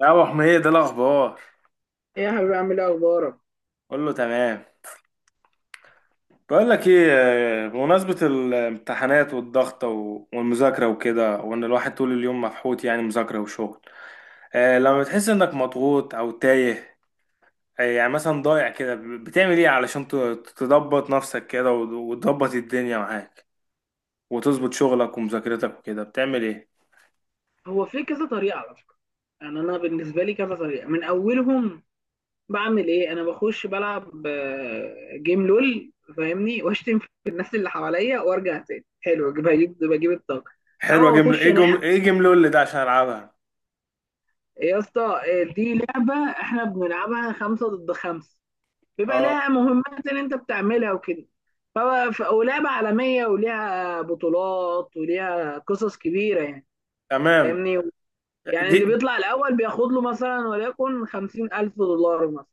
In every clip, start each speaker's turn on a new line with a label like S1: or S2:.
S1: يا ابو حميد إيه الاخبار؟
S2: ايه يا حبيبي، عامل ايه؟ اخبارك.
S1: قول له تمام. بقول لك ايه، بمناسبه الامتحانات والضغط والمذاكره وكده، وان الواحد طول اليوم مفحوط، يعني مذاكره وشغل. لما بتحس انك مضغوط او تايه، يعني مثلا ضايع كده، بتعمل ايه علشان تضبط نفسك كده وتضبط الدنيا معاك، وتظبط شغلك ومذاكرتك وكده، بتعمل ايه؟
S2: هو في كذا طريقه على فكره. يعني انا بالنسبه لي كذا طريقه من اولهم. بعمل ايه؟ انا بخش بلعب جيم لول. فاهمني، واشتم في الناس اللي حواليا وارجع تاني حلو، بجيب الطاقه.
S1: حلوه،
S2: او اخش انام.
S1: جمله اللي ده عشان العبها.
S2: إيه يا اسطى، دي لعبه احنا بنلعبها خمسه ضد خمسه، بيبقى
S1: اه،
S2: لها مهمات اللي انت بتعملها وكده. ولعبه عالميه وليها بطولات وليها قصص كبيره يعني.
S1: تمام.
S2: فاهمني. يعني
S1: دي،
S2: اللي بيطلع الأول بياخد له مثلا، وليكن 50,000 دولار مثلا.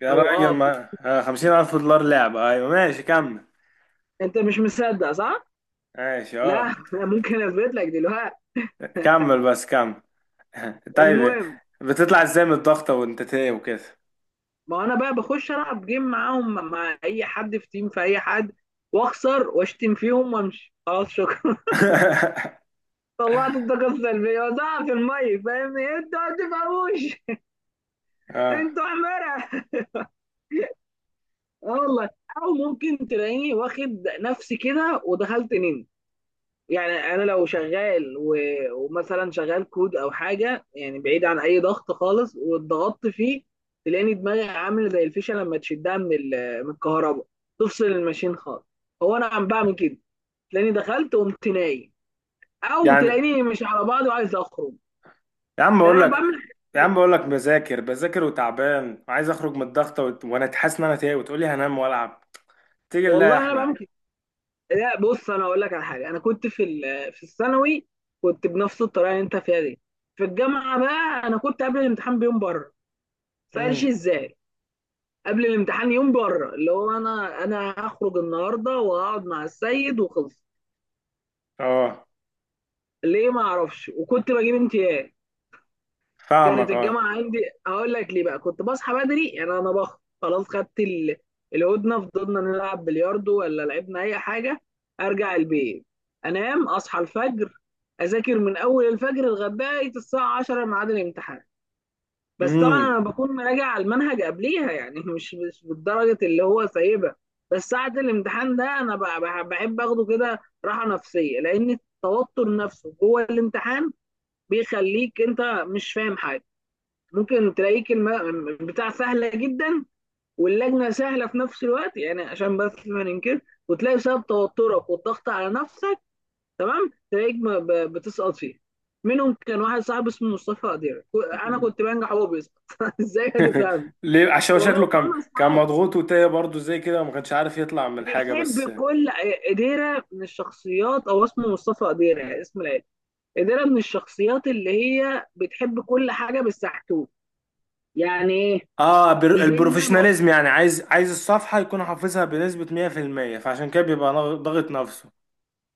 S1: يا
S2: أو
S1: راجل
S2: أه في-
S1: ما 50,000 دولار لعبة؟ أيوة ماشي كمل.
S2: أنت مش مصدق، صح؟
S1: ماشي
S2: لا،
S1: اه،
S2: أنا ممكن أثبت لك دلوقتي.
S1: كمل بس كمل. طيب،
S2: المهم،
S1: بتطلع ازاي من الضغطة وانت تايه وكده؟
S2: ما أنا بقى بخش ألعب جيم معاهم، مع أي حد في تيم، في أي حد، وأخسر وأشتم فيهم وأمشي، خلاص شكرا. طلعت الطاقة السلبية، وزعها في المية. فاهمني؟ أنتوا ما بتفهموش.
S1: اه،
S2: أنتوا حمارة. اه والله. أو ممكن تلاقيني واخد نفسي كده ودخلت نيم. يعني انا لو شغال، و... ومثلا شغال كود او حاجه، يعني بعيد عن اي ضغط خالص واتضغطت فيه، تلاقيني دماغي عامله زي الفيشه لما تشدها من الكهرباء، تفصل الماشين خالص. هو انا عم بعمل كده. تلاقيني دخلت وقمت نايم، او
S1: يعني،
S2: تلاقيني مش على بعض وعايز اخرج.
S1: يا عم
S2: لا،
S1: اقول
S2: انا بعمل
S1: لك،
S2: حاجات
S1: يا
S2: كتير،
S1: عم اقول لك، بذاكر بذاكر وتعبان وعايز اخرج من الضغطة وانا حاسس ان انا تايه، وتقول لي هنام والعب؟ تيجي لا يا
S2: والله انا
S1: احمد.
S2: بعمل كده. لا، بص انا اقول لك على حاجه. انا كنت في الثانوي كنت بنفس الطريقه اللي انت فيها دي. في الجامعه بقى، انا كنت قبل الامتحان بيوم بره. فقالش
S1: امم،
S2: ازاي؟ قبل الامتحان يوم بره، اللي هو انا هخرج النهارده وهقعد مع السيد وخلص.
S1: اه،
S2: ليه؟ ما اعرفش، وكنت بجيب امتياز. كانت
S1: فاهمك اه،
S2: الجامعه عندي. هقول لك ليه بقى. كنت بصحى بدري. يعني انا خلاص خدت الهدنه، فضلنا نلعب بلياردو ولا لعبنا اي حاجه، ارجع البيت، انام، اصحى الفجر، اذاكر من اول الفجر لغايه الساعه 10 ميعاد الامتحان. بس طبعا
S1: امم،
S2: انا بكون مراجع على المنهج قبليها، يعني مش بالدرجه اللي هو سايبها. بس ساعه الامتحان ده، انا بحب اخده كده راحه نفسيه، لان التوتر نفسه جوه الامتحان بيخليك انت مش فاهم حاجه. ممكن تلاقيك بتاع سهله جدا، واللجنه سهله في نفس الوقت، يعني عشان بس ما ننكر، وتلاقي بسبب توترك والضغط على نفسك، تمام، تلاقيك بتسقط فيه. منهم كان واحد صاحبي اسمه مصطفى قدير، انا كنت بنجح وهو بيسقط. ازاي هتفهم؟
S1: ليه؟ عشان هو
S2: والله
S1: شكله كان
S2: كل
S1: كان
S2: اصحاب
S1: مضغوط وتايه برضه زي كده، وما كانش عارف يطلع من الحاجة
S2: بيحب
S1: بس.
S2: كل. قديرة من الشخصيات، او اسمه مصطفى قديرة، اسم العيله. قديرة من الشخصيات اللي هي بتحب كل حاجه بالسحتوت. يعني ايه؟
S1: اه،
S2: مش زي ما،
S1: البروفيشناليزم، يعني عايز الصفحة يكون حافظها بنسبة 100%، فعشان كده بيبقى ضاغط نفسه.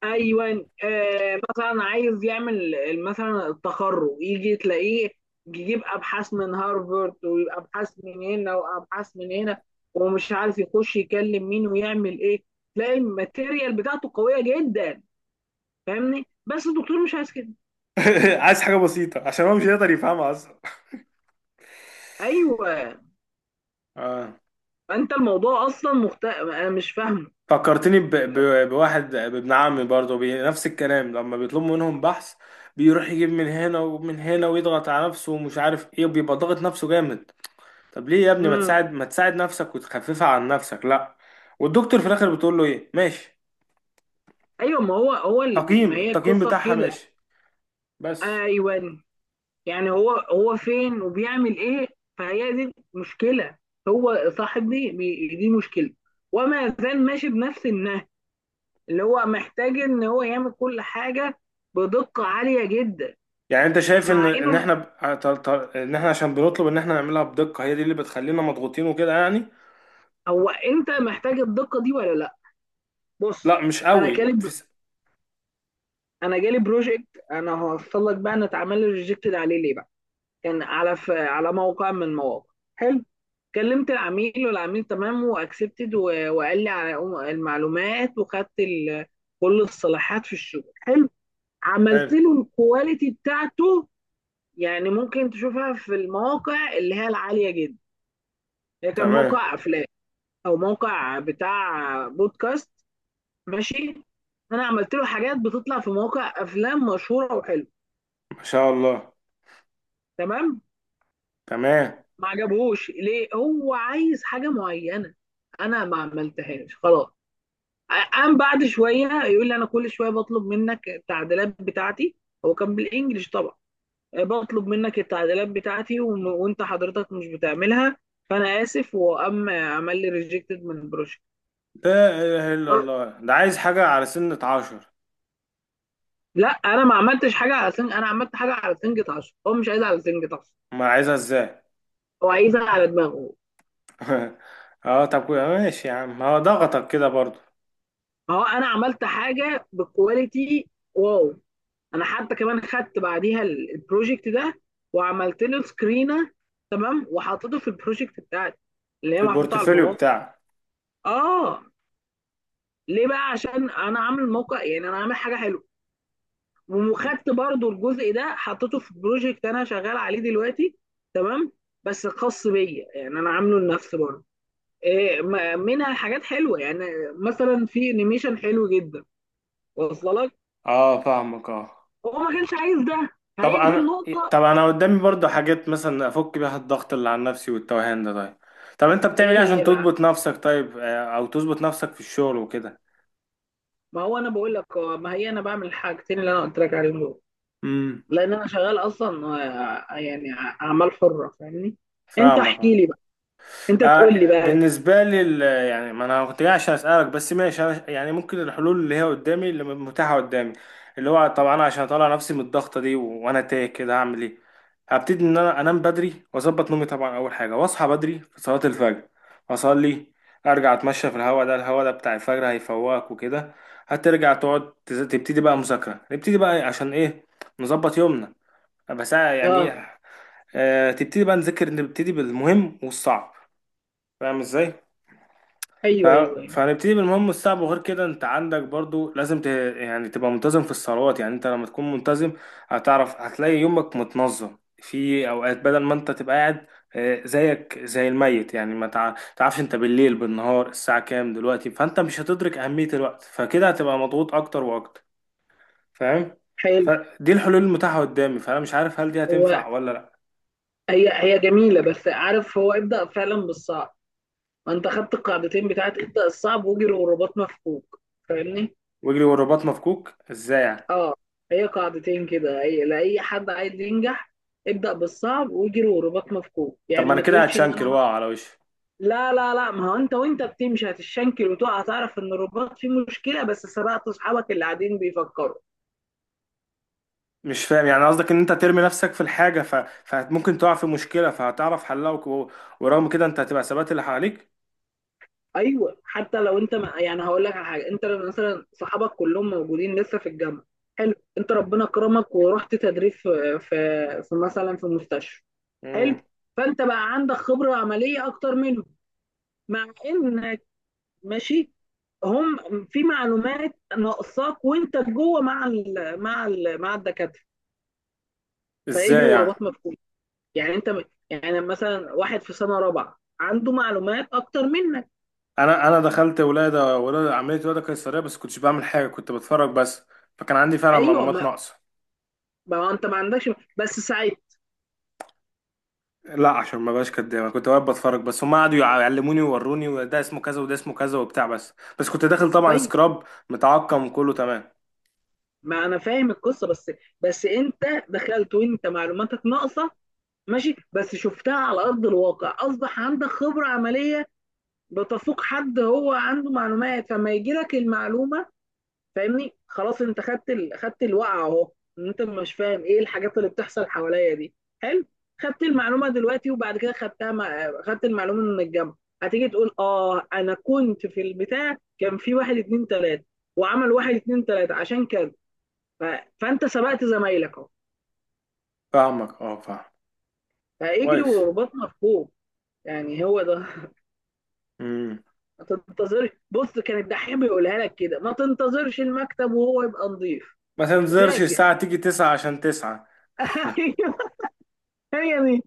S2: ايوه، آه مثلا عايز يعمل مثلا التخرج، يجي تلاقيه يجيب ابحاث من هارفارد، ويبقى ابحاث من هنا وابحاث من هنا، ومش عارف يخش يكلم مين ويعمل ايه. تلاقي الماتيريال بتاعته قويه جدا، فاهمني، بس الدكتور مش عايز كده.
S1: عايز حاجة بسيطة عشان هو مش هيقدر يفهمها اصلا.
S2: ايوه.
S1: اه،
S2: انت الموضوع اصلا انا مش فاهمه.
S1: فكرتني بواحد، بابن عمي برضه، نفس الكلام، لما بيطلبوا منهم بحث بيروح يجيب من هنا ومن هنا، ويضغط على نفسه، ومش عارف ايه، وبيبقى ضاغط نفسه جامد. طب ليه يا ابني؟
S2: امم.
S1: ما تساعد نفسك وتخففها عن نفسك؟ لا، والدكتور في الاخر بتقول له ايه؟ ماشي.
S2: ايوه، ما هو هو اللي ما
S1: تقييم،
S2: هي
S1: التقييم
S2: القصه في
S1: بتاعها
S2: كده.
S1: ماشي بس.
S2: ايوه. يعني هو هو فين وبيعمل ايه؟ فهي دي مشكله، هو صاحب دي مشكله، وما زال ماشي بنفس النهج، اللي هو محتاج ان هو يعمل كل حاجه بدقه عاليه جدا،
S1: يعني انت شايف ان
S2: مع انه،
S1: احنا ان احنا عشان بنطلب ان احنا نعملها بدقة، هي دي اللي بتخلينا مضغوطين وكده يعني؟
S2: هو انت محتاج الدقه دي ولا لا؟ بص،
S1: لا مش
S2: انا
S1: قوي
S2: جالي انا جالي بروجكت، انا هوصل لك بقى، انا اتعمل لي ريجكتد عليه، ليه بقى. كان على موقع من المواقع. حلو. كلمت العميل، والعميل تمام، واكسبتد، و... وقال لي على المعلومات، وخدت كل الصلاحات في الشغل. حلو. عملت
S1: حلو،
S2: له الكواليتي بتاعته، يعني ممكن تشوفها في المواقع اللي هي العالية جدا. هي كان
S1: تمام،
S2: موقع افلام او موقع بتاع بودكاست، ماشي. انا عملت له حاجات بتطلع في مواقع افلام مشهورة وحلوة.
S1: ما شاء الله،
S2: تمام.
S1: تمام.
S2: ما عجبهوش. ليه؟ هو عايز حاجه معينه انا ما عملتهاش، خلاص. قام بعد شويه يقول لي: انا كل شويه بطلب منك التعديلات بتاعتي. هو كان بالانجلش طبعا. بطلب منك التعديلات بتاعتي وانت حضرتك مش بتعملها، فانا اسف. وقام عمل لي ريجكتد من البروجكت.
S1: لا اله الا الله، ده عايز حاجة على سنة 10.
S2: لا، انا ما عملتش حاجه على سنج، انا عملت حاجه على سنجة عشرة، هو مش عايزها على سنجة عشرة،
S1: ما عايزها ازاي؟
S2: هو عايزها على دماغه.
S1: اه طب ماشي يا عم، هو ضغطك كده برضو.
S2: ما هو انا عملت حاجه بكواليتي، واو. انا حتى كمان خدت بعديها البروجكت ده، وعملت له سكرينه، تمام، وحطيته في البروجكت بتاعتي اللي
S1: في
S2: هي محطوطه على
S1: البورتفوليو
S2: المواقع.
S1: بتاعك؟
S2: اه. ليه بقى؟ عشان انا عامل موقع، يعني انا عامل حاجه حلوه. وخدت برضو الجزء ده حطيته في بروجكت انا شغال عليه دلوقتي، تمام، بس خاص بيا، يعني انا عامله لنفسي برضه. إيه منها حاجات حلوه، يعني مثلا في انيميشن حلو جدا، واصله لك.
S1: اه فاهمك اه.
S2: هو ما كانش عايز ده،
S1: طب
S2: فهي دي
S1: انا
S2: النقطه.
S1: طب انا قدامي برضه حاجات، مثلا افك بيها الضغط اللي على نفسي والتوهان ده. طيب، طب انت بتعمل
S2: ايه
S1: ايه عشان
S2: هي بقى؟
S1: تضبط نفسك؟ طيب، او تظبط نفسك في الشغل وكده.
S2: ما هو انا بقول لك ما هي انا بعمل الحاجتين اللي انا قلت لك عليهم دول،
S1: امم،
S2: لان انا شغال اصلا، يعني اعمال حره، فاهمني. انت احكي
S1: فاهمك.
S2: لي بقى، انت تقول لي
S1: آه،
S2: بقى.
S1: بالنسبة لي يعني ما انا كنت جاي عشان اسألك بس. ماشي، يعني ممكن الحلول اللي هي قدامي، اللي متاحة قدامي، اللي هو طبعا انا عشان اطلع نفسي من الضغطة دي وانا تايه كده، هعمل ايه؟ هبتدي ان انا انام بدري واظبط نومي طبعا، اول حاجة، واصحى بدري في صلاة الفجر، اصلي، ارجع اتمشى في الهواء ده، الهواء ده بتاع الفجر هيفوقك وكده. هترجع تقعد تبتدي بقى مذاكرة، نبتدي بقى إيه؟ عشان ايه؟ نظبط يومنا، بس. يعني
S2: اه.
S1: إيه، تبتدي بقى نذاكر، نبتدي بالمهم والصعب. فاهم ازاي؟ ف-
S2: ايوه ايوه ايوه.
S1: فهنبتدي بالمهم الصعب. وغير كده انت عندك برضو لازم يعني تبقى منتظم في الصلوات. يعني انت لما تكون منتظم، هتعرف، هتلاقي يومك متنظم، في اوقات بدل ما انت تبقى قاعد زيك زي الميت، يعني ما تعرفش انت بالليل بالنهار الساعة كام دلوقتي، فانت مش هتدرك اهمية الوقت، فكده هتبقى مضغوط اكتر واكتر. فاهم؟
S2: حلو.
S1: فدي الحلول المتاحة قدامي، فانا مش عارف هل دي
S2: هو
S1: هتنفع ولا لا.
S2: هي هي جميله، بس عارف، هو ابدا فعلا بالصعب. ما انت خدت القاعدتين بتاعت ابدا الصعب، واجري والرباط مفكوك. فاهمني.
S1: واجري والرباط مفكوك ازاي يعني؟
S2: اه. هي قاعدتين كده، هي لاي حد عايز ينجح: ابدا بالصعب، واجري والرباط مفكوك.
S1: طب
S2: يعني
S1: ما انا
S2: ما
S1: كده
S2: تقولش ان
S1: هتشنكل
S2: انا،
S1: واقع على وشي.
S2: لا لا لا، ما هو انت وانت بتمشي هتشنكل وتقع، هتعرف ان الرباط فيه مشكله، بس سبقت اصحابك اللي قاعدين بيفكروا.
S1: مش فاهم، يعني قصدك ان انت ترمي نفسك في الحاجة، فممكن تقع في مشكلة فهتعرف حلها، ورغم كده انت هتبقى ثبات اللي حواليك.
S2: ايوه، حتى لو انت ما، يعني هقول لك على حاجه، انت لو مثلا صحابك كلهم موجودين لسه في الجامعه، حلو، انت ربنا كرمك ورحت تدريب في مثلا في مستشفى،
S1: امم،
S2: حلو، فانت بقى عندك خبره عمليه اكتر منهم، مع انك، ماشي، هم في معلومات ناقصاك وانت جوه مع الدكاتره، فاجري
S1: ازاي يعني؟
S2: ورباط مفكوك. يعني انت يعني مثلا واحد في سنه رابعه عنده معلومات اكتر منك.
S1: انا دخلت ولادة، عملية ولادة قيصرية، بس كنتش بعمل حاجة، كنت بتفرج بس، فكان عندي فعلا
S2: ايوه.
S1: معلومات ناقصة.
S2: ما هو انت ما عندكش، بس ساعتها.
S1: لا عشان ما بقاش كداب، انا كنت واقف بتفرج بس، هم قعدوا يعلموني ويوروني، وده اسمه كذا وده اسمه كذا وبتاع بس. بس كنت داخل طبعا
S2: طيب،
S1: سكراب، متعقم كله تمام.
S2: ما انا فاهم القصه، بس، بس انت دخلت وانت معلوماتك ناقصه، ماشي، بس شفتها على ارض الواقع، اصبح عندك خبره عمليه بتفوق حد هو عنده معلومات، فما يجي لك المعلومه، فاهمني، خلاص. انت خدت خدت الوقعه اهو، ان انت مش فاهم ايه الحاجات اللي بتحصل حواليا دي، حلو. خدت المعلومه دلوقتي، وبعد كده خدتها خدت المعلومه من الجامعه، هتيجي تقول: اه انا كنت في البتاع، كان في واحد اتنين تلاته، وعمل واحد اتنين تلاته عشان كده، ف... فانت سبقت زمايلك اهو،
S1: فاهمك اه، فاهم،
S2: فاجري
S1: كويس.
S2: ورباطنا في فوق. يعني هو ده.
S1: امم،
S2: ما تنتظرش. بص، كان الدحيح بيقولها لك كده: ما تنتظرش المكتب وهو يبقى نظيف،
S1: ما تنزلش
S2: ذاكر.
S1: الساعة تيجي 9 عشان 9.
S2: ايوه، هي دي،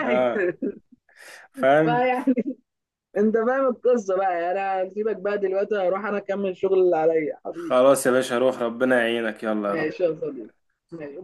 S1: اه، فاهم.
S2: بقى، يعني. انت فاهم القصه بقى يعني، انا هسيبك بقى دلوقتي، اروح انا اكمل شغل اللي عليا، حبيبي.
S1: خلاص يا باشا، روح، ربنا يعينك، يلا يا رب.
S2: ماشي يا صديقي. ماشي.